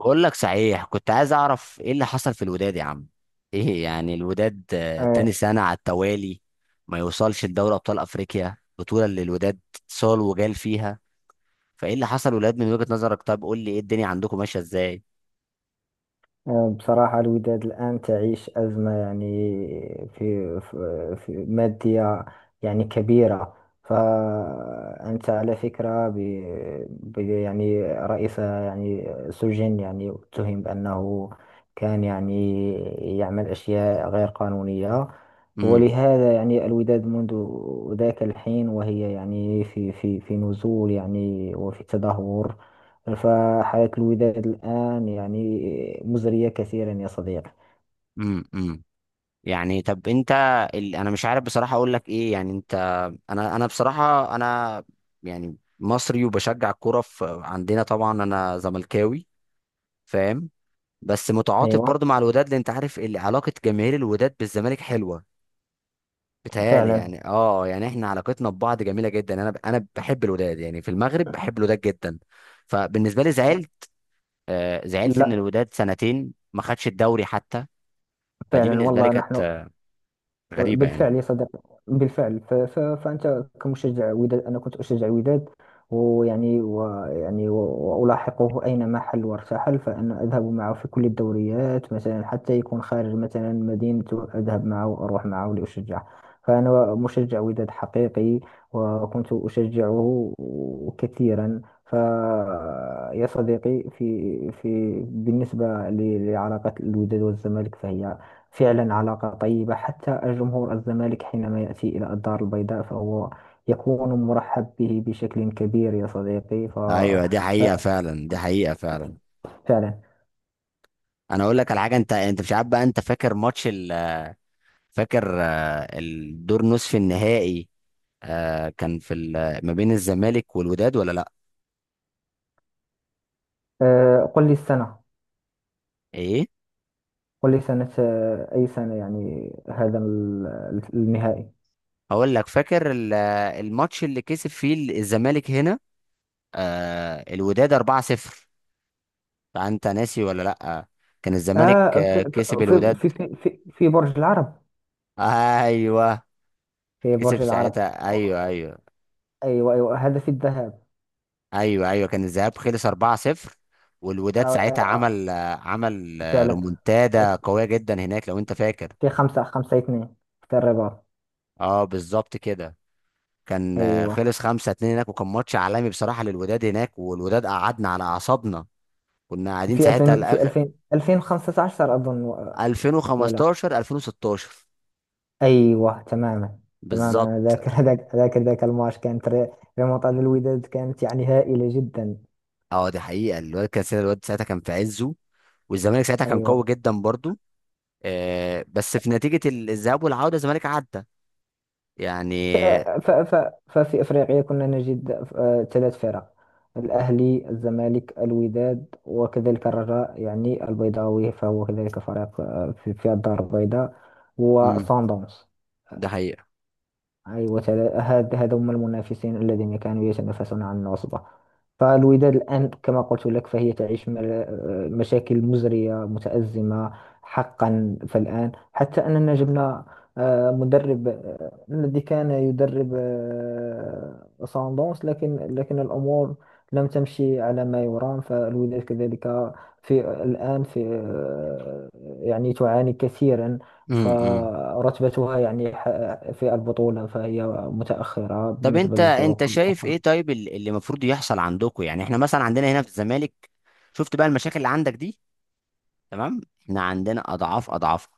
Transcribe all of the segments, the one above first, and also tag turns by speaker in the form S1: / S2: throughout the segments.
S1: بقول لك صحيح، كنت عايز اعرف ايه اللي حصل في الوداد يا عم. ايه يعني الوداد، تاني
S2: آه،
S1: سنة على التوالي ما يوصلش لدوري ابطال افريقيا، بطولة اللي الوداد صال وجال فيها. فايه اللي حصل الوداد من وجهة نظرك؟ طب قول لي، ايه الدنيا عندكم ماشية ازاي؟
S2: بصراحة، الوداد الآن تعيش أزمة، يعني في مادية، يعني كبيرة. فأنت على فكرة يعني رئيسها يعني سجن، يعني اتهم بأنه كان يعني يعمل أشياء غير قانونية.
S1: امم،
S2: ولهذا يعني الوداد منذ ذاك الحين وهي يعني في نزول يعني، وفي تدهور. فحياة الوداد الآن يعني مزرية كثيرا، يا صديقي.
S1: امم، امم. يعني طب انت، انا مش عارف بصراحة اقول لك ايه، يعني انت. انا بصراحة انا، يعني مصري وبشجع الكوره عندنا طبعا، انا زملكاوي، فاهم. بس متعاطف
S2: أيوة.
S1: برضو مع الوداد، لان انت عارف علاقه جماهير الوداد بالزمالك حلوه. بتهيألي
S2: فعلا.
S1: يعني اه، يعني احنا علاقتنا ببعض جميله جدا. انا بحب الوداد يعني، في المغرب بحب الوداد جدا. فبالنسبه لي زعلت، زعلت ان
S2: لا،
S1: الوداد سنتين ما خدش الدوري حتى. فدي
S2: فعلا
S1: بالنسبه لي
S2: والله
S1: كانت
S2: نحن.
S1: غريبه يعني.
S2: بالفعل يا صديقي، بالفعل. فأنت كمشجع وداد، أنا كنت أشجع الوداد، وألاحقه أينما حل وارتحل. فأنا أذهب معه في كل الدوريات مثلا، حتى يكون خارج مثلا مدينته، أذهب معه وأروح معه لأشجعه. فأنا مشجع وداد حقيقي، وكنت أشجعه كثيرا. يا صديقي، في في بالنسبة لعلاقة الوداد والزمالك، فهي فعلا علاقة طيبة. حتى الجمهور الزمالك حينما يأتي إلى الدار البيضاء فهو يكون مرحب به بشكل كبير، يا صديقي.
S1: ايوه، دي حقيقه فعلا، دي حقيقه فعلا.
S2: فعلا.
S1: انا اقول لك على حاجه. انت مش عارف بقى، انت فاكر ماتش فاكر الدور نصف النهائي؟ كان في ما بين الزمالك والوداد، ولا لا؟
S2: قل لي السنة.
S1: ايه؟
S2: قل لي سنة، أي سنة يعني هذا النهائي؟
S1: هقول لك. فاكر الماتش اللي كسب فيه الزمالك هنا الوداد 4-0؟ فانت ناسي ولا لا؟ كان الزمالك
S2: آه في
S1: كسب
S2: في
S1: الوداد.
S2: في في في في برج العرب،
S1: ايوه
S2: في برج
S1: كسب
S2: العرب.
S1: ساعتها، ايوه، ايوه.
S2: أيوة، أيوة، هذا في الذهاب.
S1: ايوه، ايوه، كان الذهاب خلص 4-0.
S2: آه،
S1: والوداد ساعتها
S2: آه، آه،
S1: عمل
S2: فعلا.
S1: رومونتادا قويه جدا هناك، لو انت فاكر.
S2: في خمسة اثنين في الرباط.
S1: اه بالظبط كده. كان
S2: أيوة.
S1: خلص 5-2 هناك، وكان ماتش عالمي بصراحه للوداد هناك. والوداد قعدنا على اعصابنا، كنا قاعدين
S2: في
S1: ساعتها
S2: 2000 في 2000 2015 أظن، ولا.
S1: 2015، 2016
S2: أيوه تماما، تماما أنا
S1: بالظبط.
S2: ذاكر. ذاك الماتش كانت ريمونتادا الوداد، كانت يعني هائلة جدا.
S1: اه دي حقيقة. الواد ساعتها كان في عزه، والزمالك ساعتها كان قوي
S2: أيوه.
S1: جدا برضو. آه بس في نتيجة الذهاب والعودة، الزمالك عدى يعني.
S2: ف... ف... ف... ففي أفريقيا كنا نجد ثلاث فرق: الأهلي، الزمالك، الوداد، وكذلك الرجاء يعني البيضاوي، فهو كذلك فريق في الدار البيضاء،
S1: امم.
S2: وصن داونز.
S1: ده حقيقة.
S2: أيوة. هاد، هذا هم المنافسين الذين كانوا يتنافسون عن العصبة. فالوداد الآن كما قلت لك فهي تعيش مشاكل مزرية، متأزمة حقا. فالآن حتى أننا جبنا مدرب، الذي كان يدرب ساندونس، لكن الأمور لم تمشي على ما يرام. فالوداد كذلك في الآن، في آه، يعني تعاني كثيرا.
S1: امم، امم.
S2: فرتبتها يعني في البطولة فهي متأخرة
S1: طب
S2: بالنسبة
S1: انت
S2: للفروق
S1: شايف
S2: الأخرى.
S1: ايه؟ طيب اللي المفروض يحصل عندكم؟ يعني احنا مثلا عندنا هنا في الزمالك، شفت بقى المشاكل اللي عندك دي؟ تمام، احنا عندنا اضعاف اضعاف،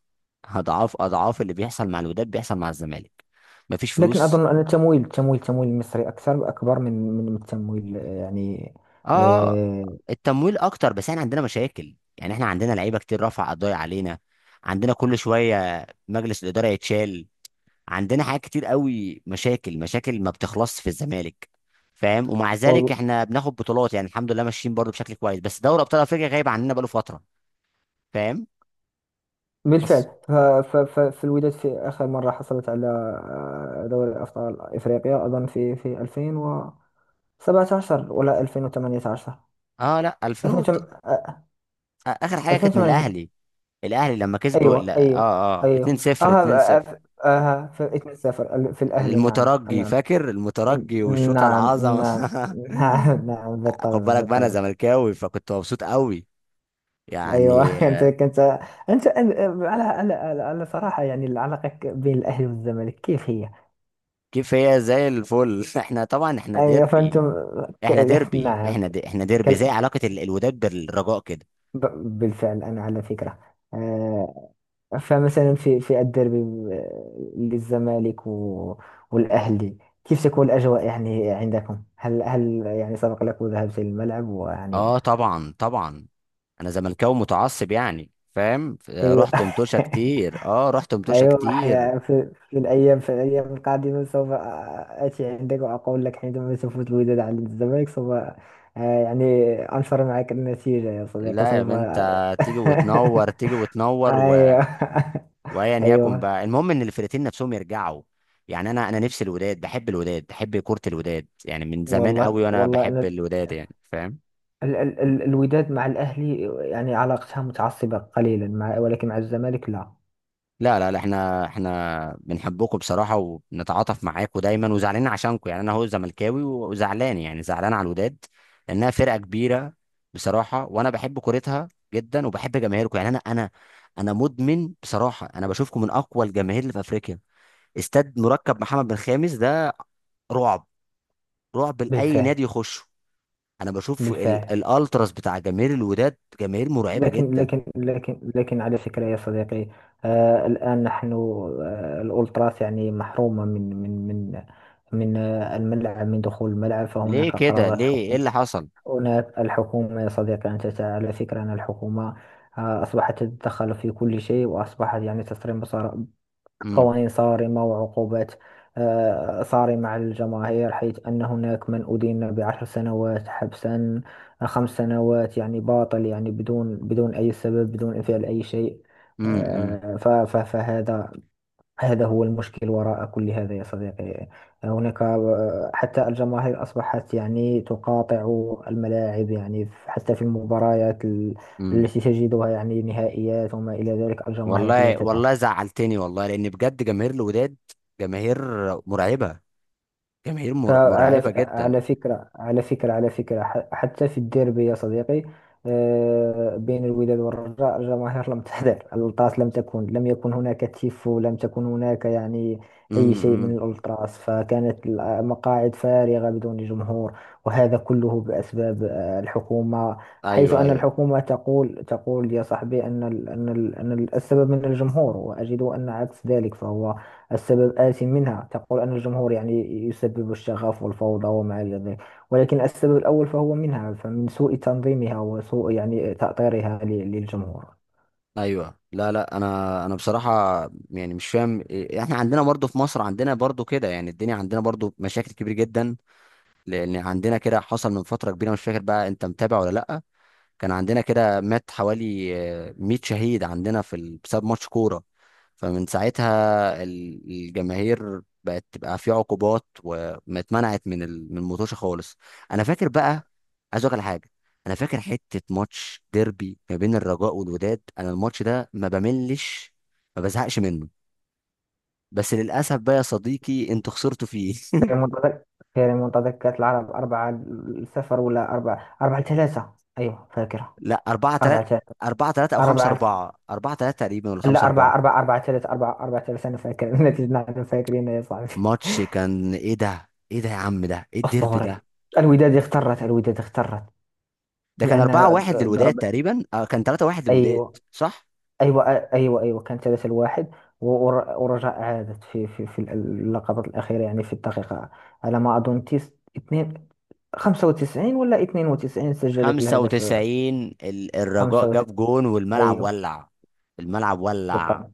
S1: اضعاف اضعاف اللي بيحصل مع الوداد بيحصل مع الزمالك. مفيش
S2: لكن
S1: فلوس.
S2: أظن أن التمويل المصري أكثر، أكبر من التمويل، يعني.
S1: اه،
S2: آه،
S1: التمويل اكتر، بس احنا عندنا مشاكل. يعني احنا عندنا لعيبه كتير رفع قضايا علينا. عندنا كل شويه مجلس الاداره يتشال. عندنا حاجات كتير قوي، مشاكل مشاكل ما بتخلصش في الزمالك فاهم. ومع ذلك
S2: وال-
S1: احنا بناخد بطولات، يعني الحمد لله ماشيين برضو بشكل كويس، بس دوري ابطال افريقيا غايب عننا بقاله فتره، فاهم. بس
S2: بالفعل، فالوداد في آخر مرة حصلت على دوري أبطال إفريقيا أظن في 2017 ولا 2018.
S1: اه، لا، 2000 اخر حاجه كانت من
S2: 2018.
S1: الاهلي. الاهلي لما كسبوا،
S2: ايوه،
S1: لا،
S2: ايوه، ايوه.
S1: 2-0، 2-0.
S2: اسم السفر في الاهلي. نعم،
S1: المترجي،
S2: نعم.
S1: فاكر المترجي والشوطه
S2: نعم،
S1: العظمه
S2: نعم، نعم. نعم،
S1: خد
S2: بالطبع،
S1: بالك بقى، انا
S2: بالطبع.
S1: زملكاوي فكنت مبسوط قوي يعني.
S2: ايوه. انت كنت، انت أن- على صراحه يعني العلاقه بين الاهلي والزمالك كيف هي؟
S1: كيف هي؟ زي الفل احنا طبعا احنا
S2: يعني
S1: ديربي،
S2: فانتم. ك... نعم.
S1: احنا ديربي،
S2: كال...
S1: زي علاقه الوداد بالرجاء كده.
S2: ب... بالفعل انا على فكره. آه، فمثلا في الديربي للزمالك والأهلي، كيف تكون الأجواء يعني عندكم؟ هل يعني سبق لك وذهبت للملعب ويعني؟
S1: اه طبعا طبعا. انا زملكاوي متعصب يعني، فاهم.
S2: أيوة.
S1: رحت متوشه كتير، اه رحت متوشه
S2: أيوة.
S1: كتير.
S2: في الأيام القادمة سوف آتي عندك وأقول لك، حينما تفوز الوداد على الزمالك سوف يعني أنشر معك النتيجة، يا صديقي،
S1: لا يا
S2: سوف.
S1: بنت، تيجي وتنور، تيجي وتنور.
S2: أيوة.
S1: وايا يكن
S2: أيوة،
S1: بقى، المهم ان الفرقتين نفسهم يرجعوا يعني. انا نفسي الوداد، بحب الوداد، بحب كرة الوداد يعني من زمان
S2: والله،
S1: قوي. وانا بحب
S2: والله.
S1: الوداد يعني، فاهم.
S2: ال ال ال الوداد مع الأهلي يعني علاقتها متعصبة قليلا مع، ولكن مع الزمالك لا.
S1: لا لا لا، احنا بنحبكم بصراحة، وبنتعاطف معاكم دايما، وزعلانين عشانكم يعني. انا هو زملكاوي وزعلان، يعني زعلان على الوداد، لانها فرقة كبيرة بصراحة. وانا بحب كورتها جدا، وبحب جماهيركم يعني. انا مدمن بصراحة. انا بشوفكم من اقوى الجماهير اللي في افريقيا. استاد مركب محمد بن خامس ده رعب، رعب لاي
S2: بالفعل،
S1: نادي يخش. انا بشوف
S2: بالفعل.
S1: الالتراس بتاع جماهير الوداد، جماهير مرعبه
S2: لكن
S1: جدا.
S2: لكن لكن لكن على فكرة يا صديقي، الآن نحن، الأولتراس يعني محرومة من الملعب، من دخول الملعب.
S1: ليه
S2: فهناك
S1: كده؟
S2: قرارات
S1: ليه؟ ايه
S2: حكم.
S1: اللي حصل؟
S2: هناك الحكومة يا صديقي. أنت على فكرة أن الحكومة أصبحت تتدخل في كل شيء، وأصبحت يعني تصرف
S1: امم،
S2: قوانين صارمة وعقوبات صارمة على الجماهير، حيث أن هناك من أدين بعشر سنوات حبسا، خمس سنوات، يعني باطل، يعني بدون أي سبب، بدون فعل أي شيء.
S1: امم، امم،
S2: فهذا، هو المشكل وراء كل هذا يا صديقي. هناك حتى الجماهير أصبحت يعني تقاطع الملاعب، يعني حتى في المباريات
S1: امم.
S2: التي تجدها يعني نهائيات وما إلى ذلك، الجماهير لا
S1: والله
S2: تذهب.
S1: والله زعلتني والله، لان بجد جماهير الوداد، جماهير مرعبه، جماهير مرعبه جدا.
S2: على فكرة، حتى في الديربي يا صديقي، بين الوداد والرجاء، الجماهير لم تحضر. الألتراس لم تكن، لم يكن هناك تيفو، لم تكن هناك يعني أي
S1: امم،
S2: شيء من الألتراس، فكانت المقاعد فارغة بدون جمهور. وهذا كله بأسباب الحكومة، حيث
S1: ايوه،
S2: أن
S1: ايوه،
S2: الحكومة تقول يا صاحبي أن السبب من الجمهور، وأجد أن عكس ذلك، فهو السبب آت منها. تقول أن الجمهور يعني يسبب الشغف والفوضى وما إلى ذلك، ولكن السبب الأول فهو منها، فمن سوء تنظيمها وسوء يعني تأطيرها للجمهور.
S1: ايوه. لا لا، انا بصراحه، يعني مش فاهم احنا عندنا برضو في مصر، عندنا برضو كده يعني. الدنيا عندنا برضو مشاكل كبيره جدا، لان عندنا كده حصل من فتره كبيره، مش فاكر بقى، انت متابع ولا لا؟ كان عندنا كده مات حوالي 100 شهيد عندنا في بسبب ماتش كورة. فمن ساعتها الجماهير بقت تبقى في عقوبات، وما اتمنعت من من المطوشة خالص. انا فاكر بقى، عايز اقول لك على حاجة. انا فاكر حتة ماتش ديربي ما بين الرجاء والوداد، انا الماتش ده ما بملش، ما بزهقش منه. بس للاسف بقى يا صديقي انتوا خسرتوا فيه
S2: في منتدى في منتدى كأس العرب. أربعة صفر، ولا أربعة؟ أربعة ثلاثة، أيوه فاكرة،
S1: لا، 4
S2: أربعة
S1: 3.
S2: ثلاثة.
S1: 4 3 او 5
S2: أربعة،
S1: 4، 4 3 تقريبا، ولا 5
S2: لا،
S1: 4؟
S2: أربعة أربعة، أربعة ثلاثة، أربعة أربعة ثلاثة، أنا فاكر. النتيجة نحن فاكرين يا صاحبي.
S1: ماتش كان ايه ده! ايه ده يا عم! ده ايه الديربي
S2: أسطوري.
S1: ده!
S2: الوداد اخترت، الوداد اخترت
S1: ده كان
S2: لأن
S1: 4-1 للوداد
S2: ضرب.
S1: تقريبا، اه كان 3-1 للوداد،
S2: أيوه،
S1: صح.
S2: ايوه، ايوه، ايوه، كان 3-1. ورجاء عادت في اللقطات الاخيره، يعني في الدقيقه، على ما اظن، تيس 2 95 ولا 92، سجلت الهدف.
S1: 95، الرجاء
S2: 95.
S1: جاب جون والملعب
S2: ايوه،
S1: ولع، الملعب ولع.
S2: بالطبع،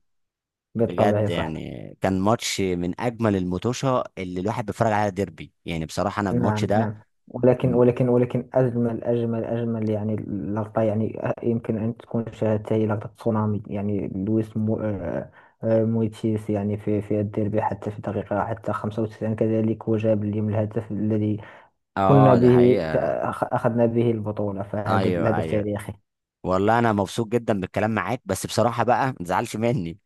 S2: بالطبع
S1: بجد
S2: يا صاحبي.
S1: يعني، كان ماتش من اجمل المطوشه اللي الواحد بيتفرج عليها، ديربي يعني. بصراحه انا الماتش
S2: نعم،
S1: ده
S2: نعم. ولكن
S1: م-
S2: ولكن ولكن أجمل يعني لقطة، يعني يمكن أن تكون شاهدتها، هي لقطة تسونامي، يعني لويس مو آه، آه، مويتيس، يعني في الديربي حتى في دقيقة، حتى 95 كذلك، وجاب اليوم الهدف الذي كنا
S1: اه ده
S2: به
S1: حقيقه.
S2: أخذنا به البطولة. فهذا
S1: ايوه،
S2: الهدف
S1: ايوه.
S2: تاريخي.
S1: والله انا مبسوط جدا بالكلام معاك، بس بصراحه بقى ما تزعلش مني.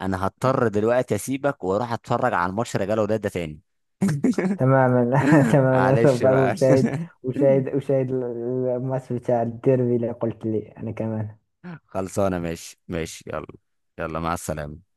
S1: انا هضطر دلوقتي اسيبك واروح اتفرج على الماتش رجاله وداد ده تاني
S2: تماما. تماما،
S1: معلش
S2: سوف
S1: بقى
S2: أشاهد الماتش بتاع الديربي اللي قلت لي، أنا كمان.
S1: خلصانة، ماشي، ماشي، يلا. يلا مع السلامة.